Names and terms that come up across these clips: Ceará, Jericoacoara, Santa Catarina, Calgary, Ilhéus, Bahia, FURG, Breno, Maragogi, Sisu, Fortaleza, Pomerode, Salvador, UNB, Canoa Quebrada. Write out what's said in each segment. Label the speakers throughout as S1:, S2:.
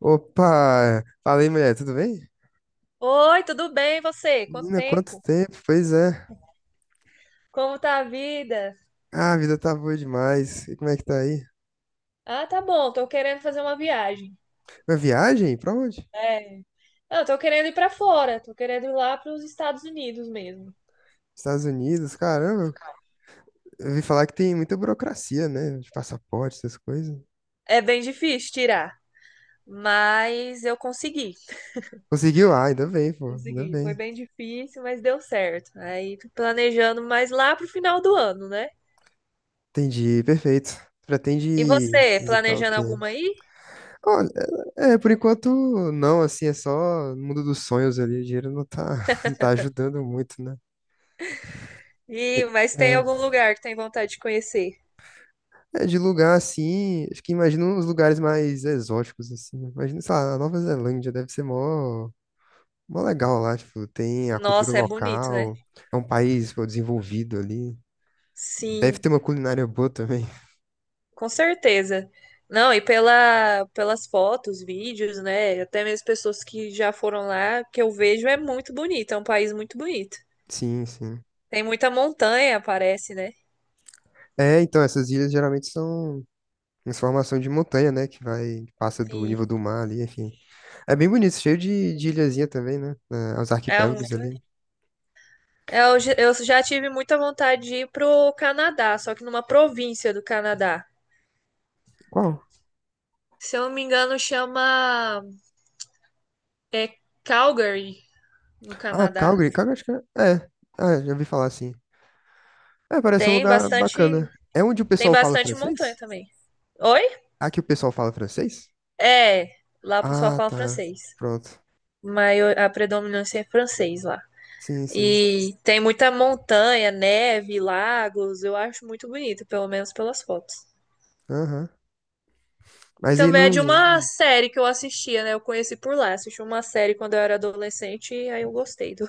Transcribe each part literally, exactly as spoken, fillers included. S1: Opa! Falei, mulher, tudo bem?
S2: Oi, tudo bem? E você? Quanto
S1: Menina, quanto
S2: tempo?
S1: tempo? Pois é.
S2: Como tá a vida?
S1: Ah, a vida tá boa demais. E como é que tá aí?
S2: Ah, tá bom, tô querendo fazer uma viagem.
S1: Uma viagem? Pra onde?
S2: É. Eu tô querendo ir pra fora, tô querendo ir lá pros Estados Unidos mesmo.
S1: Estados Unidos? Caramba, eu ouvi falar que tem muita burocracia, né? De passaporte, essas coisas.
S2: É bem difícil tirar, mas eu consegui.
S1: Conseguiu? Ah, ainda bem, pô. Ainda
S2: Consegui. Foi
S1: bem.
S2: bem difícil, mas deu certo. Aí tô planejando mais lá pro final do ano, né?
S1: Entendi, perfeito.
S2: E
S1: Pretende
S2: você,
S1: visitar o
S2: planejando
S1: quê?
S2: alguma aí?
S1: Olha, é, por enquanto, não, assim, é só no mundo dos sonhos ali. O dinheiro não tá, não tá ajudando muito, né?
S2: Ih, mas tem
S1: É,
S2: algum lugar que tem vontade de conhecer?
S1: É, de lugar assim, acho que imagino uns lugares mais exóticos, assim. Né? Imagina, sei lá, a Nova Zelândia deve ser mó, mó legal lá, tipo, tem a cultura
S2: Nossa, é bonito, né?
S1: local, é um país, pô, desenvolvido ali. Deve
S2: Sim.
S1: ter uma culinária boa também.
S2: Com certeza. Não, e pela, pelas fotos, vídeos, né? Até mesmo pessoas que já foram lá, que eu vejo é muito bonito, é um país muito bonito.
S1: Sim, sim.
S2: Tem muita montanha, parece, né?
S1: É, então, essas ilhas geralmente são em formação de montanha, né, que vai, passa do
S2: E
S1: nível do mar ali, enfim. É bem bonito, cheio de, de ilhazinha também, né, é, os
S2: é
S1: arquipélagos
S2: muito.
S1: ali.
S2: é, Eu, já- eu já tive muita vontade de ir pro Canadá, só que numa província do Canadá.
S1: Qual?
S2: Se eu não me engano, chama é Calgary, no
S1: Ah,
S2: Canadá.
S1: Calgary, Calgary acho que é. É, ah, já ouvi falar, assim. É, parece um
S2: Tem
S1: lugar bacana.
S2: bastante,
S1: É onde o
S2: tem
S1: pessoal fala
S2: bastante montanha
S1: francês?
S2: também. Oi?
S1: Aqui o pessoal fala francês?
S2: É, lá o pessoal
S1: Ah,
S2: fala
S1: tá.
S2: francês.
S1: Pronto.
S2: Maior, a predominância é francês lá.
S1: Sim, sim.
S2: E tem muita montanha, neve, lagos. Eu acho muito bonito, pelo menos pelas fotos.
S1: Aham.
S2: E
S1: Mas aí
S2: também é de
S1: não.
S2: uma série que eu assistia, né? Eu conheci por lá. Assisti uma série quando eu era adolescente e aí eu gostei do,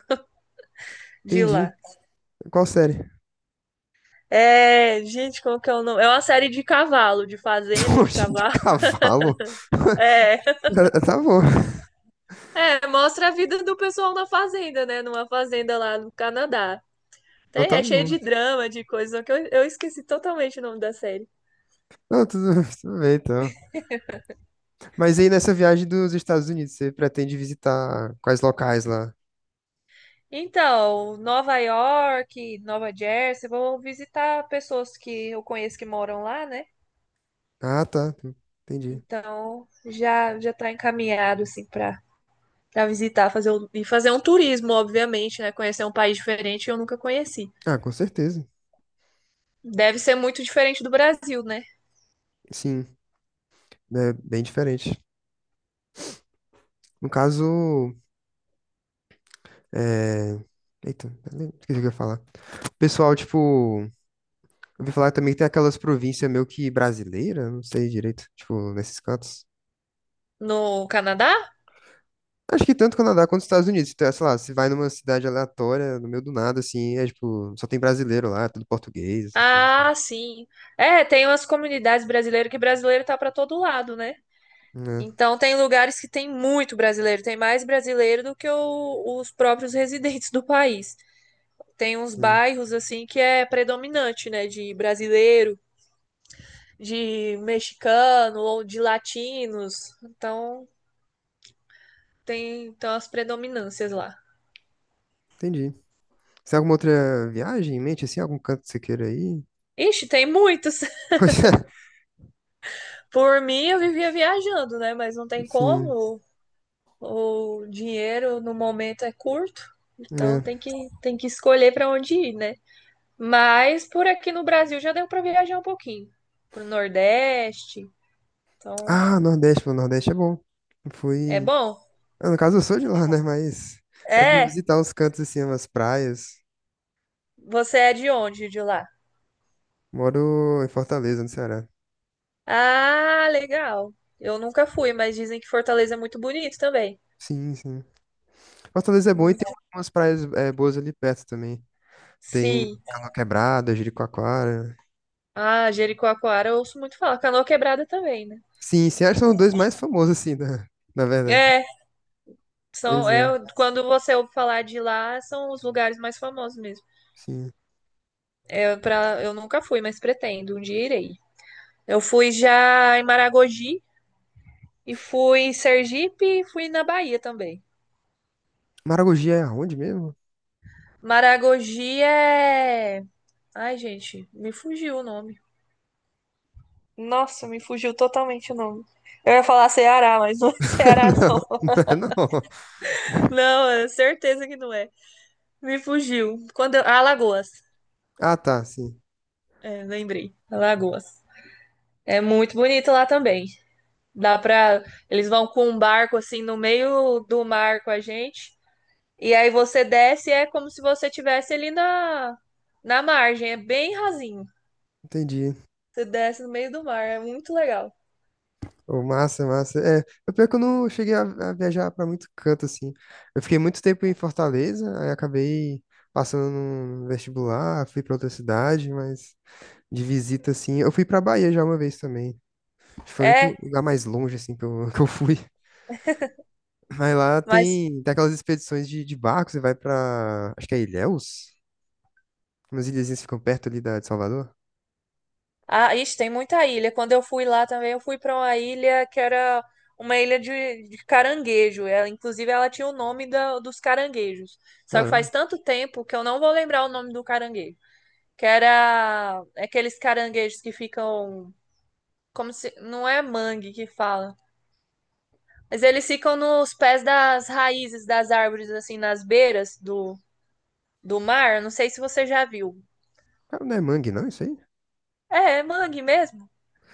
S2: de
S1: Entendi.
S2: lá.
S1: Qual série?
S2: É, gente, como que é o nome? É uma série de cavalo, de fazenda, de
S1: Poxa, de
S2: cavalo.
S1: cavalo?
S2: É,
S1: Tá bom.
S2: é, mostra a vida do pessoal na fazenda, né? Numa fazenda lá no Canadá.
S1: Então
S2: Tem, é
S1: tá
S2: cheio
S1: bom.
S2: de drama, de coisas, que Eu, eu esqueci totalmente o nome da série.
S1: Não, tudo, tudo bem, então. Mas aí nessa viagem dos Estados Unidos, você pretende visitar quais locais lá?
S2: Então, Nova York, Nova Jersey, vou visitar pessoas que eu conheço que moram lá, né?
S1: Ah, tá. Entendi.
S2: Então, já já tá encaminhado assim para para visitar, fazer um- e fazer um turismo, obviamente, né? Conhecer um país diferente que eu nunca conheci.
S1: Ah, com certeza.
S2: Deve ser muito diferente do Brasil, né?
S1: Sim, é bem diferente. No caso, é... Eita, esqueci o que eu ia falar. Pessoal, tipo, eu ouvi falar também que tem aquelas províncias meio que brasileiras, não sei direito, tipo, nesses cantos.
S2: No Canadá?
S1: Acho que tanto Canadá quanto Estados Unidos. Então, sei lá, você vai numa cidade aleatória, no meio do nada, assim, é tipo, só tem brasileiro lá, tudo português, essas coisas assim.
S2: Ah, sim. É, tem umas comunidades brasileiras que brasileiro tá para todo lado, né?
S1: É,
S2: Então tem lugares que tem muito brasileiro, tem mais brasileiro do que o- os próprios residentes do país. Tem uns
S1: sim,
S2: bairros assim que é predominante, né, de brasileiro, de mexicano ou de latinos. Então tem então as predominâncias lá.
S1: entendi. Você tem alguma outra viagem em mente, assim, algum canto que você queira ir?
S2: Ixi, tem muitos.
S1: Coisa,
S2: Por mim eu vivia viajando, né, mas não tem
S1: sim,
S2: como. O dinheiro no momento é curto, então
S1: né?
S2: tem que tem que escolher para onde ir, né? Mas por aqui no Brasil já deu para viajar um pouquinho pro Nordeste. Então,
S1: Ah, Nordeste, pô, Nordeste é bom. Eu
S2: é
S1: fui.
S2: bom.
S1: Ah, no caso, eu sou de lá, né? Mas é pra
S2: É,
S1: visitar uns cantos, assim, umas praias.
S2: você é de onde de lá?
S1: Moro em Fortaleza, no Ceará.
S2: Ah, legal. Eu nunca fui, mas dizem que Fortaleza é muito bonito também.
S1: Sim, sim. Fortaleza é bom e
S2: Hum.
S1: tem umas praias é, boas ali perto também. Tem
S2: Sim.
S1: Canoa Quebrada, Jericoacoara.
S2: Ah, Jericoacoara eu ouço muito falar. Canoa Quebrada também, né?
S1: Sim, sim, acho que são os dois mais famosos, assim, na, na verdade.
S2: É,
S1: Pois
S2: são, é,
S1: é,
S2: quando você ouve falar de lá, são os lugares mais famosos mesmo.
S1: sim.
S2: Eu, pra, eu nunca fui, mas pretendo, um dia irei. Eu fui já em Maragogi e fui em Sergipe e fui na Bahia também.
S1: Maragogi é aonde mesmo?
S2: Maragogi é. Ai, gente, me fugiu o nome. Nossa, me fugiu totalmente o nome. Eu ia falar Ceará, mas não é Ceará, não.
S1: Não, não é não.
S2: Não, é certeza que não é. Me fugiu. Quando eu... Alagoas.
S1: Ah, tá, sim.
S2: É, lembrei. Alagoas. É muito bonito lá também. Dá pra. Eles vão com um barco assim no meio do mar com a gente. E aí você desce e é como se você estivesse ali na... na margem. É bem rasinho.
S1: Entendi.
S2: Você desce no meio do mar. É muito legal.
S1: Ô, massa, massa. É, o pior é que eu não cheguei a, a viajar pra muito canto, assim. Eu fiquei muito tempo em Fortaleza, aí acabei passando no vestibular, fui pra outra cidade, mas... de visita, assim. Eu fui pra Bahia já uma vez também. Acho que foi o único
S2: É,
S1: lugar mais longe, assim, que eu, que eu fui. Mas lá
S2: mas
S1: tem, tem aquelas expedições de, de barco, você vai pra. Acho que é Ilhéus? Umas ilhazinhas que ficam perto ali da, de Salvador.
S2: ah, isso tem muita ilha. Quando eu fui lá também, eu fui para uma ilha que era uma ilha de, de caranguejo. Ela, inclusive, ela tinha o nome da- dos caranguejos. Só que
S1: Caramba,
S2: faz tanto tempo que eu não vou lembrar o nome do caranguejo. Que era aqueles caranguejos que ficam como se não é mangue que fala, mas eles ficam nos pés das raízes das árvores, assim, nas beiras do, do mar. Eu não sei se você já viu.
S1: cara, não é mangue, não, isso aí?
S2: É, é mangue mesmo.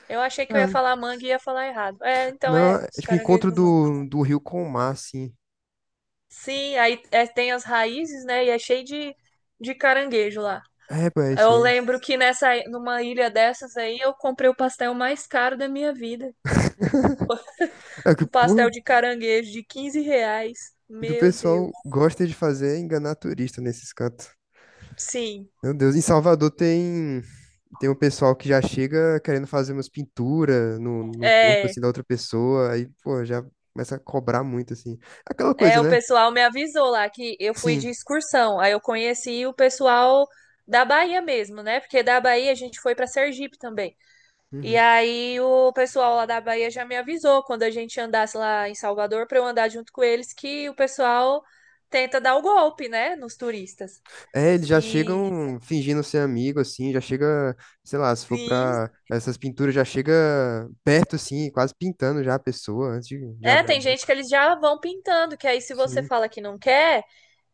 S2: Eu achei que eu ia
S1: Ah,
S2: falar mangue e ia falar errado. É, então,
S1: não,
S2: é,
S1: é
S2: os
S1: tipo
S2: caranguejos
S1: encontro
S2: do mangue.
S1: do, do rio com o mar, assim.
S2: Sim, aí é, tem as raízes, né? E é cheio de, de caranguejo lá.
S1: É, pô, é isso
S2: Eu
S1: aí.
S2: lembro que nessa, numa ilha dessas aí eu comprei o pastel mais caro da minha vida.
S1: É que,
S2: Um pastel
S1: pô,
S2: de caranguejo de quinze reais.
S1: o que o
S2: Meu Deus.
S1: pessoal gosta de fazer é enganar turista nesses cantos.
S2: Sim,
S1: Meu Deus, em Salvador tem tem um pessoal que já chega querendo fazer umas pinturas no, no corpo
S2: é.
S1: assim da outra pessoa, aí pô, já começa a cobrar muito assim. Aquela
S2: É,
S1: coisa,
S2: o
S1: né?
S2: pessoal me avisou lá que eu fui
S1: Sim.
S2: de excursão. Aí eu conheci o pessoal da Bahia mesmo, né? Porque da Bahia a gente foi para Sergipe também. E
S1: Uhum.
S2: aí o pessoal lá da Bahia já me avisou quando a gente andasse lá em Salvador para eu andar junto com eles que o pessoal tenta dar o golpe, né, nos turistas.
S1: É, eles já
S2: E
S1: chegam fingindo ser amigo assim, já chega, sei lá, se for
S2: sim,
S1: pra essas pinturas já chega perto assim, quase pintando já a pessoa antes de, de
S2: é,
S1: abrir a
S2: tem gente
S1: boca.
S2: que eles já vão pintando, que aí se você
S1: Sim,
S2: fala que não quer,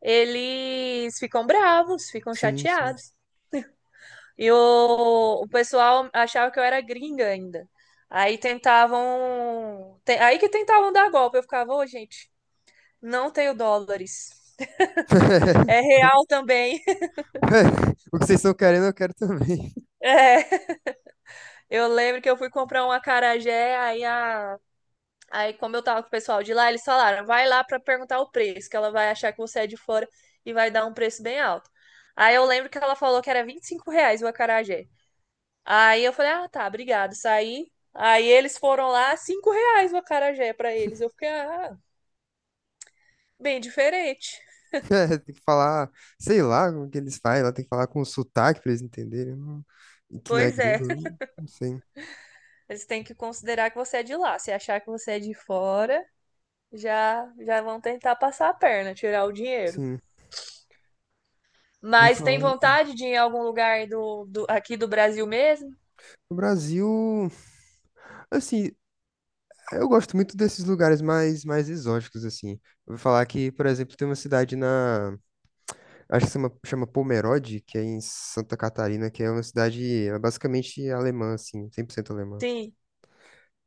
S2: eles ficam bravos, ficam
S1: sim, sim.
S2: chateados. E o, o pessoal achava que eu era gringa ainda. Aí tentavam, te- aí que tentavam dar golpe, eu ficava, ô, gente, não tenho dólares. É real também.
S1: Ué, o que vocês estão querendo, eu quero também.
S2: É, eu lembro que eu fui comprar um acarajé, aí, a, aí como eu tava com o pessoal de lá, eles falaram, vai lá pra perguntar o preço, que ela vai achar que você é de fora e vai dar um preço bem alto. Aí eu lembro que ela falou que era vinte e cinco reais o acarajé. Aí eu falei, ah, tá, obrigado, saí. Aí eles foram lá, cinco reais o acarajé pra eles. Eu fiquei, ah, bem diferente.
S1: É, tem que falar, sei lá como que eles fazem, ela tem que falar com sotaque pra eles entenderem, não- e que não é
S2: Pois é,
S1: gringo, eu não sei.
S2: eles têm que considerar que você é de lá. Se achar que você é de fora, já, já vão tentar passar a perna, tirar o dinheiro.
S1: Sim, eu ia
S2: Mas tem
S1: falar.
S2: vontade de ir em algum lugar do, do- aqui do Brasil mesmo?
S1: O Brasil, assim, eu gosto muito desses lugares mais, mais exóticos, assim. Eu vou falar que, por exemplo, tem uma cidade na, acho que chama, chama Pomerode, que é em Santa Catarina, que é uma cidade é basicamente alemã, assim, cem por cento alemã.
S2: Sim.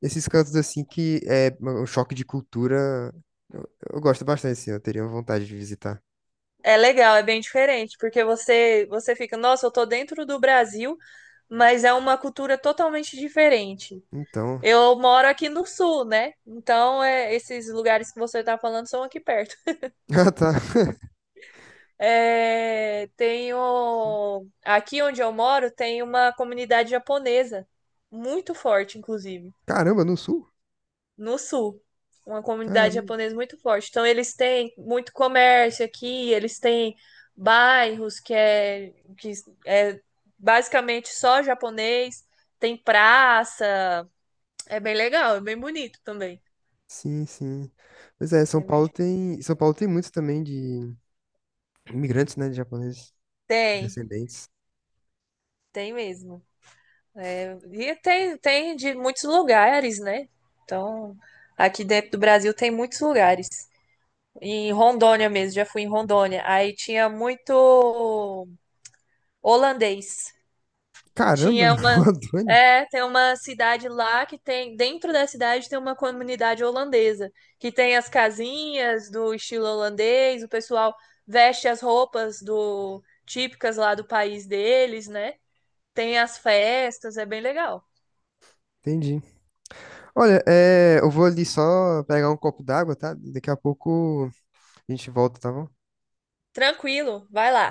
S1: Esses cantos, assim, que é um choque de cultura, eu, eu gosto bastante, assim, eu teria vontade de visitar.
S2: É legal, é bem diferente, porque você você fica, nossa, eu tô dentro do Brasil, mas é uma cultura totalmente diferente.
S1: Então,
S2: Eu moro aqui no sul, né? Então, é, esses lugares que você tá falando são aqui perto.
S1: ah, tá.
S2: É, tenho, aqui onde eu moro tem uma comunidade japonesa, muito forte, inclusive.
S1: Caramba, no sul?
S2: No sul. Uma comunidade
S1: Caramba.
S2: japonesa muito forte. Então, eles têm muito comércio aqui, eles têm bairros que é, que é basicamente só japonês, tem praça. É bem legal, é bem bonito também.
S1: Sim, sim. Pois é, São
S2: É
S1: Paulo
S2: bem-
S1: tem, São Paulo tem muitos também de imigrantes, né, de japoneses,
S2: Tem,
S1: descendentes.
S2: tem mesmo. É, e tem, tem de muitos lugares, né? Então, aqui dentro do Brasil tem muitos lugares. Em Rondônia mesmo, já fui em Rondônia. Aí tinha muito holandês.
S1: Caramba,
S2: Tinha
S1: o
S2: uma,
S1: Adoni.
S2: é, Tem uma cidade lá que tem, dentro da cidade tem uma comunidade holandesa, que tem as casinhas do estilo holandês, o pessoal veste as roupas do típicas lá do país deles, né? Tem as festas, é bem legal.
S1: Entendi. Olha, é, eu vou ali só pegar um copo d'água, tá? Daqui a pouco a gente volta, tá bom?
S2: Tranquilo, vai lá.